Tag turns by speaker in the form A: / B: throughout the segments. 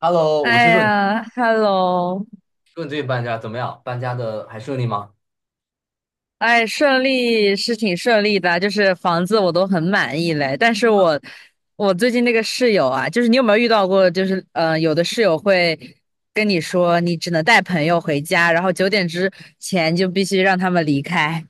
A: Hello，我
B: 哎
A: 听说你
B: 呀，Hello，
A: 说最近搬家怎么样？搬家的还顺利吗？
B: 哎，顺利是挺顺利的，就是房子我都很满意嘞。但是
A: 啊，
B: 我我最近那个室友啊，就是你有没有遇到过？就是有的室友会跟你说，你只能带朋友回家，然后九点之前就必须让他们离开。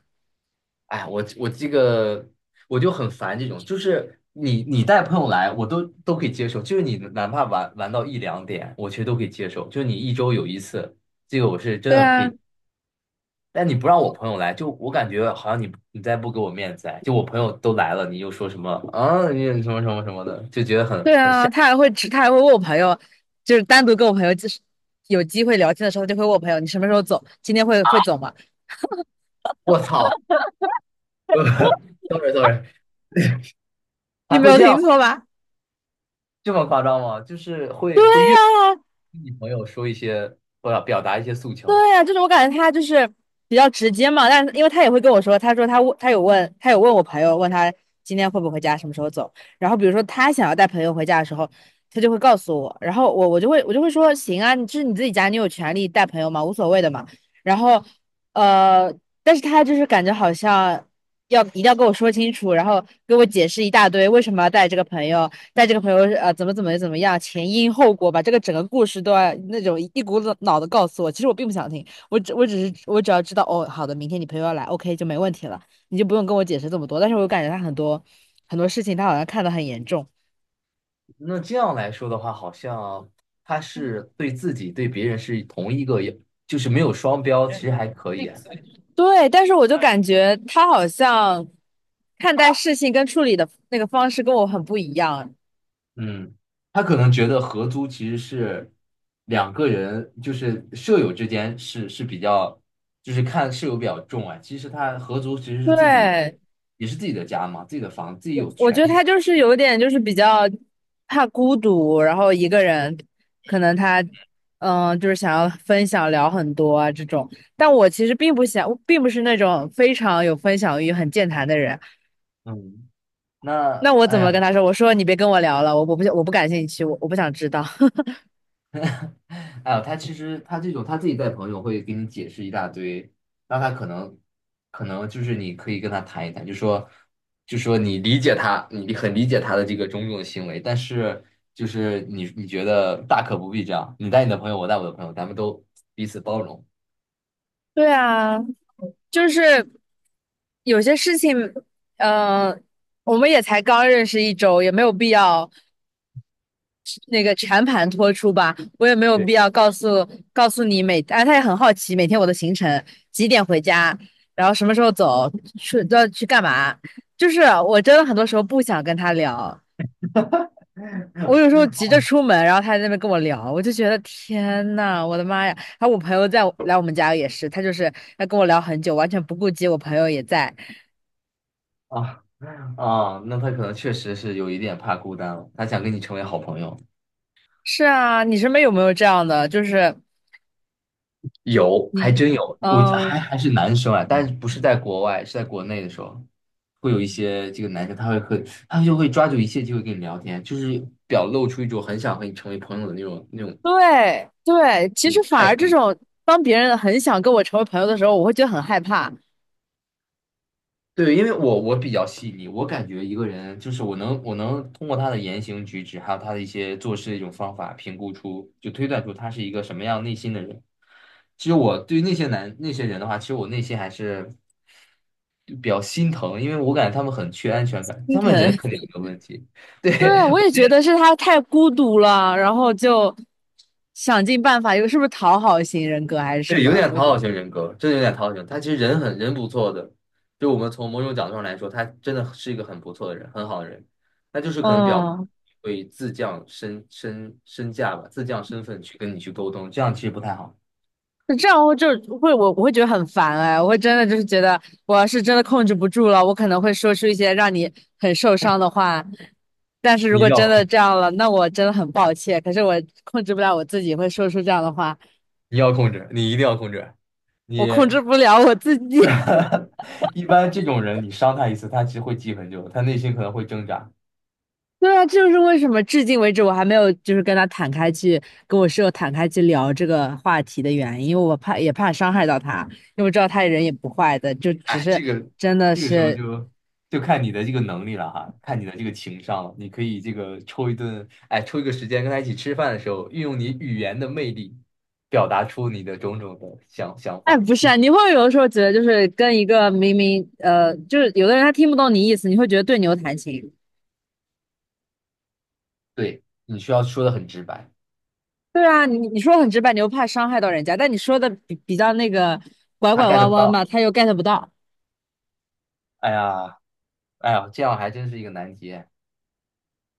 A: 哎，我这个我就很烦这种，就是你带朋友来，我都可以接受，就是你哪怕玩到一两点，我其实都可以接受，就是你一周有一次，这个我是真
B: 对
A: 的可
B: 啊，
A: 以。但你不让我朋友来，就我感觉好像你再不给我面子哎，就我朋友都来了，你又说什么啊，你什么什么什么的，就觉得很
B: 对
A: 很吓。
B: 啊，他还会他还会问我朋友，就是单独跟我朋友就是有机会聊天的时候，他就会问我朋友，你什么时候走？今天会走吗？
A: 我操 ，sorry，
B: 你
A: 还
B: 没
A: 会
B: 有
A: 这样吗
B: 听错吧？
A: 这么夸张吗？就是会越跟
B: 啊！
A: 你朋友说一些，或者表达一些诉
B: 对
A: 求。
B: 呀，就是我感觉他就是比较直接嘛，但是因为他也会跟我说，他说他有问我朋友，问他今天会不会回家，什么时候走。然后比如说他想要带朋友回家的时候，他就会告诉我，然后我就会说行啊，你这是你自己家，你有权利带朋友嘛，无所谓的嘛。然后呃，但是他就是感觉好像一定要跟我说清楚，然后给我解释一大堆为什么要带这个朋友，带这个朋友怎么样，前因后果，把这个整个故事都要那种一股脑的告诉我。其实我并不想听，我只要知道哦，好的，明天你朋友要来，OK 就没问题了，你就不用跟我解释这么多。但是我感觉他很多事情，他好像看得很严重。
A: 那这样来说的话，好像他是对自己对别人是同一个，就是没有双标，其实还可以啊。
B: 对，但是我就感觉他好像看待事情跟处理的那个方式跟我很不一样。
A: 嗯，他可能觉得合租其实是两个人，就是舍友之间是比较，就是看舍友比较重啊。其实他合租其实是自己，
B: 对，
A: 也是自己的家嘛，自己的房，自己有
B: 我
A: 权
B: 觉得
A: 利
B: 他
A: 说。
B: 就是有点就是比较怕孤独，然后一个人，可能他就是想要分享聊很多啊这种。但我其实并不想，并不是那种非常有分享欲、很健谈的人。
A: 嗯，那
B: 那我怎
A: 哎，
B: 么跟他说？我说你别跟我聊了，我不感兴趣，我不想知道。
A: 哎呦，他其实他这种他自己带朋友会给你解释一大堆，那他可能可能就是你可以跟他谈一谈，就说你理解他，你很理解他的这个种种行为，但是就是你你觉得大可不必这样，你带你的朋友，我带我的朋友，咱们都彼此包容。
B: 对啊，就是有些事情，嗯、我们也才刚认识一周，也没有必要那个全盘托出吧，我也没有必
A: 对
B: 要告诉你每，哎，他也很好奇每天我的行程，几点回家，然后什么时候走，去都要去干嘛，就是我真的很多时候不想跟他聊，我有时候急着出门，然后他在那边跟我聊，我就觉得天呐，我的妈呀！还有我朋友在我来我们家也是，他就是要跟我聊很久，完全不顾及我朋友也在。
A: 啊，啊，那他可能确实是有一点怕孤单了，他想跟你成为好朋友。
B: 是啊，你身边有没有这样的？就是
A: 有，还
B: 你，
A: 真有，我
B: 嗯，
A: 还还是男生啊，但是不是在国外，是在国内的时候，会有一些这个男生，他会很，他就会抓住一切机会跟你聊天，就是表露出一种很想和你成为朋友的那种那种
B: 对对，其
A: 那
B: 实
A: 种
B: 反
A: 态
B: 而这
A: 度。
B: 种当别人很想跟我成为朋友的时候，我会觉得很害怕、
A: 对，因为我比较细腻，我感觉一个人就是我能通过他的言行举止，还有他的一些做事的一种方法，评估出就推断出他是一个什么样内心的人。其实我对于那些男那些人的话，其实我内心还是就比较心疼，因为我感觉他们很缺安全感，
B: 心
A: 他们人
B: 疼。
A: 肯定没 有问题，对，
B: 对，我也觉得是他太孤独了，然后就想尽办法，又是不是讨好型人格还是什
A: 对，有
B: 么？
A: 点
B: 我
A: 讨
B: 就，得，
A: 好型人格，真的有点讨好型。他其实人很人不错的，就我们从某种角度上来说，他真的是一个很不错的人，很好的人。他就是可能表达
B: 嗯，
A: 会自降身价吧，自降身份去跟你去沟通，这样其实不太好。
B: 就这样会我会觉得很烦哎，我会真的就是觉得我要是真的控制不住了，我可能会说出一些让你很受伤的话。但是
A: 你
B: 如
A: 一定
B: 果
A: 要
B: 真
A: 控
B: 的
A: 制，
B: 这样了，那我真的很抱歉。可是我控制不了我自己，会说出这样的话。
A: 你要控制，你一定要控制。你
B: 我控制不了我自己。
A: 一般这种人，你伤他一次，他其实会记很久，他内心可能会挣扎。
B: 对啊，这就是为什么至今为止我还没有就是跟我室友坦开去聊这个话题的原因，因为我怕也怕伤害到他，因为我知道他人也不坏的，就只
A: 哎，
B: 是真的
A: 这个时候
B: 是，
A: 就看你的这个能力了哈，看你的这个情商了。你可以这个抽一顿，哎，抽一个时间跟他一起吃饭的时候，运用你语言的魅力，表达出你的种种的想想
B: 哎，
A: 法。
B: 不是啊，
A: 心，
B: 你会有的时候觉得就是跟一个明明就是有的人他听不懂你意思，你会觉得对牛弹琴。
A: 对，你需要说的很直白，
B: 对啊，你说很直白，你又怕伤害到人家，但你说的比较那个拐
A: 他
B: 拐
A: get
B: 弯
A: 不
B: 弯吧，
A: 到。
B: 他又 get 不到，
A: 哎呀，哎呀，这样还真是一个难题，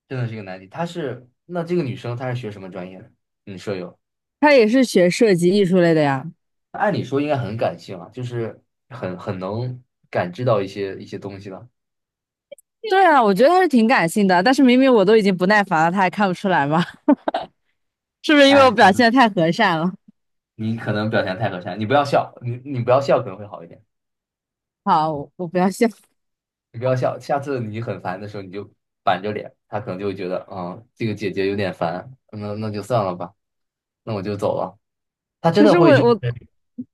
A: 真的是一个难题。她是，那这个女生她是学什么专业的？你舍友，
B: 他也是学设计艺术类的呀。
A: 按理说应该很感性啊，就是很能感知到一些一些东西了。
B: 对啊，我觉得他是挺感性的，但是明明我都已经不耐烦了，他还看不出来吗？是不是因为我
A: 哎。
B: 表现的太和善了？
A: 你可能表现太和善，你不要笑，你不要笑可能会好一点，
B: 好，我不要笑。
A: 你不要笑，下次你很烦的时候你就板着脸，他可能就会觉得，嗯，这个姐姐有点烦，那就算了吧，那我就走了。他 真
B: 可
A: 的
B: 是我
A: 会就是
B: 我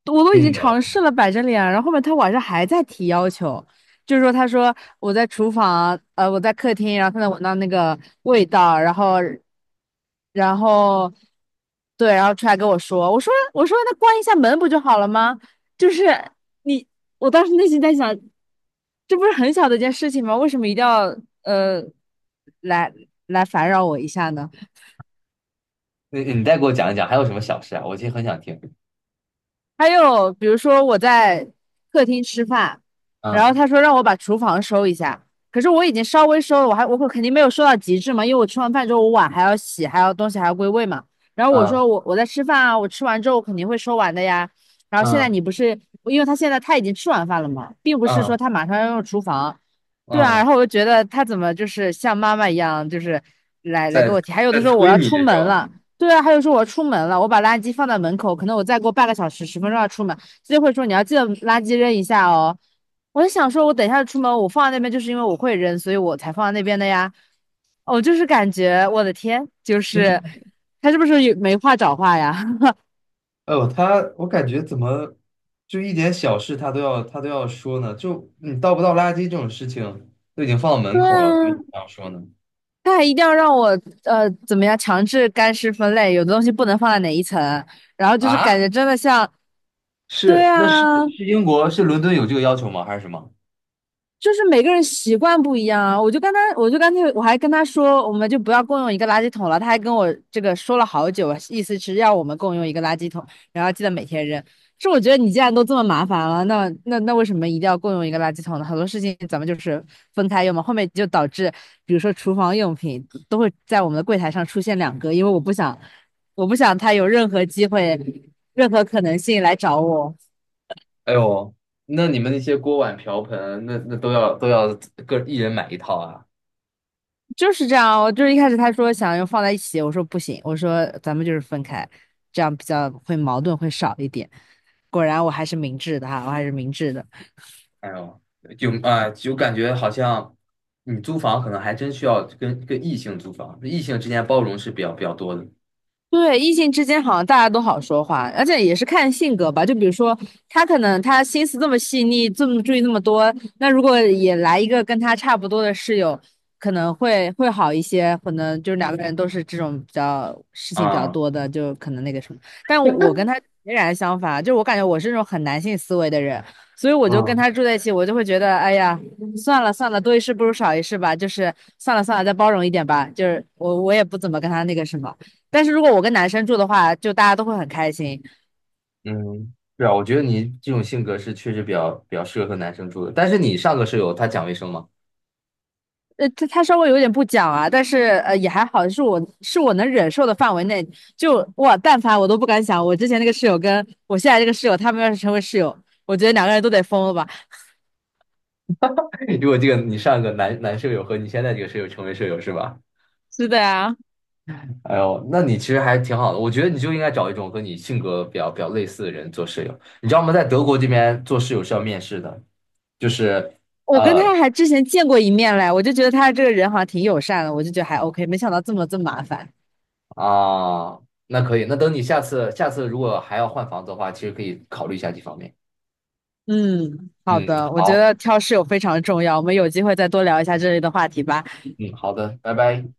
B: 我都
A: 跟
B: 已
A: 你
B: 经
A: 聊，
B: 尝试了摆着脸，然后后面他晚上还在提要求，就是说他说我在厨房，我在客厅，然后他能闻到那个味道，然后对，然后出来跟我说，我说那关一下门不就好了吗？就是你，我当时内心在想，这不是很小的一件事情吗？为什么一定要呃来来烦扰我一下呢？
A: 你再给我讲一讲，还有什么小事啊？我其实很想听。
B: 还有比如说我在客厅吃饭，然后
A: 嗯
B: 他说让我把厨房收一下，可是我已经稍微收了，我肯定没有收到极致嘛，因为我吃完饭之后我碗还要洗，还要东西还要归位嘛。然后我
A: 嗯
B: 说我我在吃饭啊，我吃完之后我肯定会收完的呀。然后现在
A: 嗯
B: 你不是，因为他现在已经吃完饭了嘛，并不是
A: 嗯
B: 说他马上要用厨房，对啊。
A: 嗯，
B: 然后我就觉得他怎么就是像妈妈一样，就是来给
A: 在
B: 我提，还有的时候我
A: 催
B: 要
A: 你
B: 出
A: 是
B: 门
A: 吧？
B: 了。对啊，还有说我要出门了，我把垃圾放在门口，可能我再过半个小时、十分钟要出门，他就会说你要记得垃圾扔一下哦。我就想说，我等一下出门，我放在那边就是因为我会扔，所以我才放在那边的呀。我就是感觉，我的天，就是他是不是有没话找话呀？
A: 哦，他我感觉怎么就一点小事他都要说呢？就你倒不倒垃圾这种事情都已经放到门
B: 对
A: 口了，他为什么
B: 啊，
A: 这样说呢？
B: 他还一定要让我怎么样强制干湿分类，有的东西不能放在哪一层，然后就是感
A: 啊，
B: 觉真的像，对
A: 是那是
B: 啊，
A: 是英国是伦敦有这个要求吗？还是什么？
B: 就是每个人习惯不一样啊，我就跟他，我就干脆我还跟他说，我们就不要共用一个垃圾桶了。他还跟我这个说了好久，意思是要我们共用一个垃圾桶，然后记得每天扔。是我觉得你既然都这么麻烦了，那为什么一定要共用一个垃圾桶呢？很多事情咱们就是分开用嘛，后面就导致，比如说厨房用品都会在我们的柜台上出现两个，因为我不想，我不想他有任何机会、任何可能性来找我。
A: 哎呦，那你们那些锅碗瓢盆那都要各一人买一套啊？
B: 就是这样，我就是一开始他说想要放在一起，我说不行，我说咱们就是分开，这样比较会矛盾会少一点。果然我还是明智的哈，我还是明智的。
A: 哎呦，就啊、就感觉好像你租房可能还真需要跟异性租房，异性之间包容是比较多的
B: 对，异性之间好像大家都好说话，而且也是看性格吧。就比如说，他可能他心思这么细腻，这么注意那么多，那如果也来一个跟他差不多的室友，可能会好一些。可能就是两个人都是这种比较事情比较
A: 啊。
B: 多的，就可能那个什么。但我跟他截然相反，就我感觉我是那种很男性思维的人，所以我就跟
A: 嗯。
B: 他住在一起，我就会觉得，哎呀，算了算了，多一事不如少一事吧，就是算了算了，再包容一点吧。就是我也不怎么跟他那个什么。但是如果我跟男生住的话，就大家都会很开心。
A: 嗯，是啊，我觉得你这种性格是确实比较适合和男生住的。但是你上个舍友他讲卫生吗？
B: 他稍微有点不讲啊，但是也还好，是我能忍受的范围内。就哇，但凡我都不敢想，我之前那个室友跟我现在这个室友，他们要是成为室友，我觉得两个人都得疯了吧？
A: 如果这个你上个舍友和你现在这个舍友成为舍友是吧？
B: 是的呀，
A: 哎呦，那你其实还挺好的。我觉得你就应该找一种和你性格比较类似的人做室友。你知道吗？在德国这边做室友是要面试的，就是
B: 我跟
A: 呃
B: 他还之前见过一面嘞，我就觉得他这个人好像挺友善的，我就觉得还 OK，没想到这么麻烦。
A: 啊，那可以。那等你下次如果还要换房子的话，其实可以考虑一下这方面。
B: 嗯，好
A: 嗯，
B: 的，我觉
A: 好，
B: 得挑室友非常重要，我们有机会再多聊一下这类的话题吧。
A: 嗯，好的，拜拜。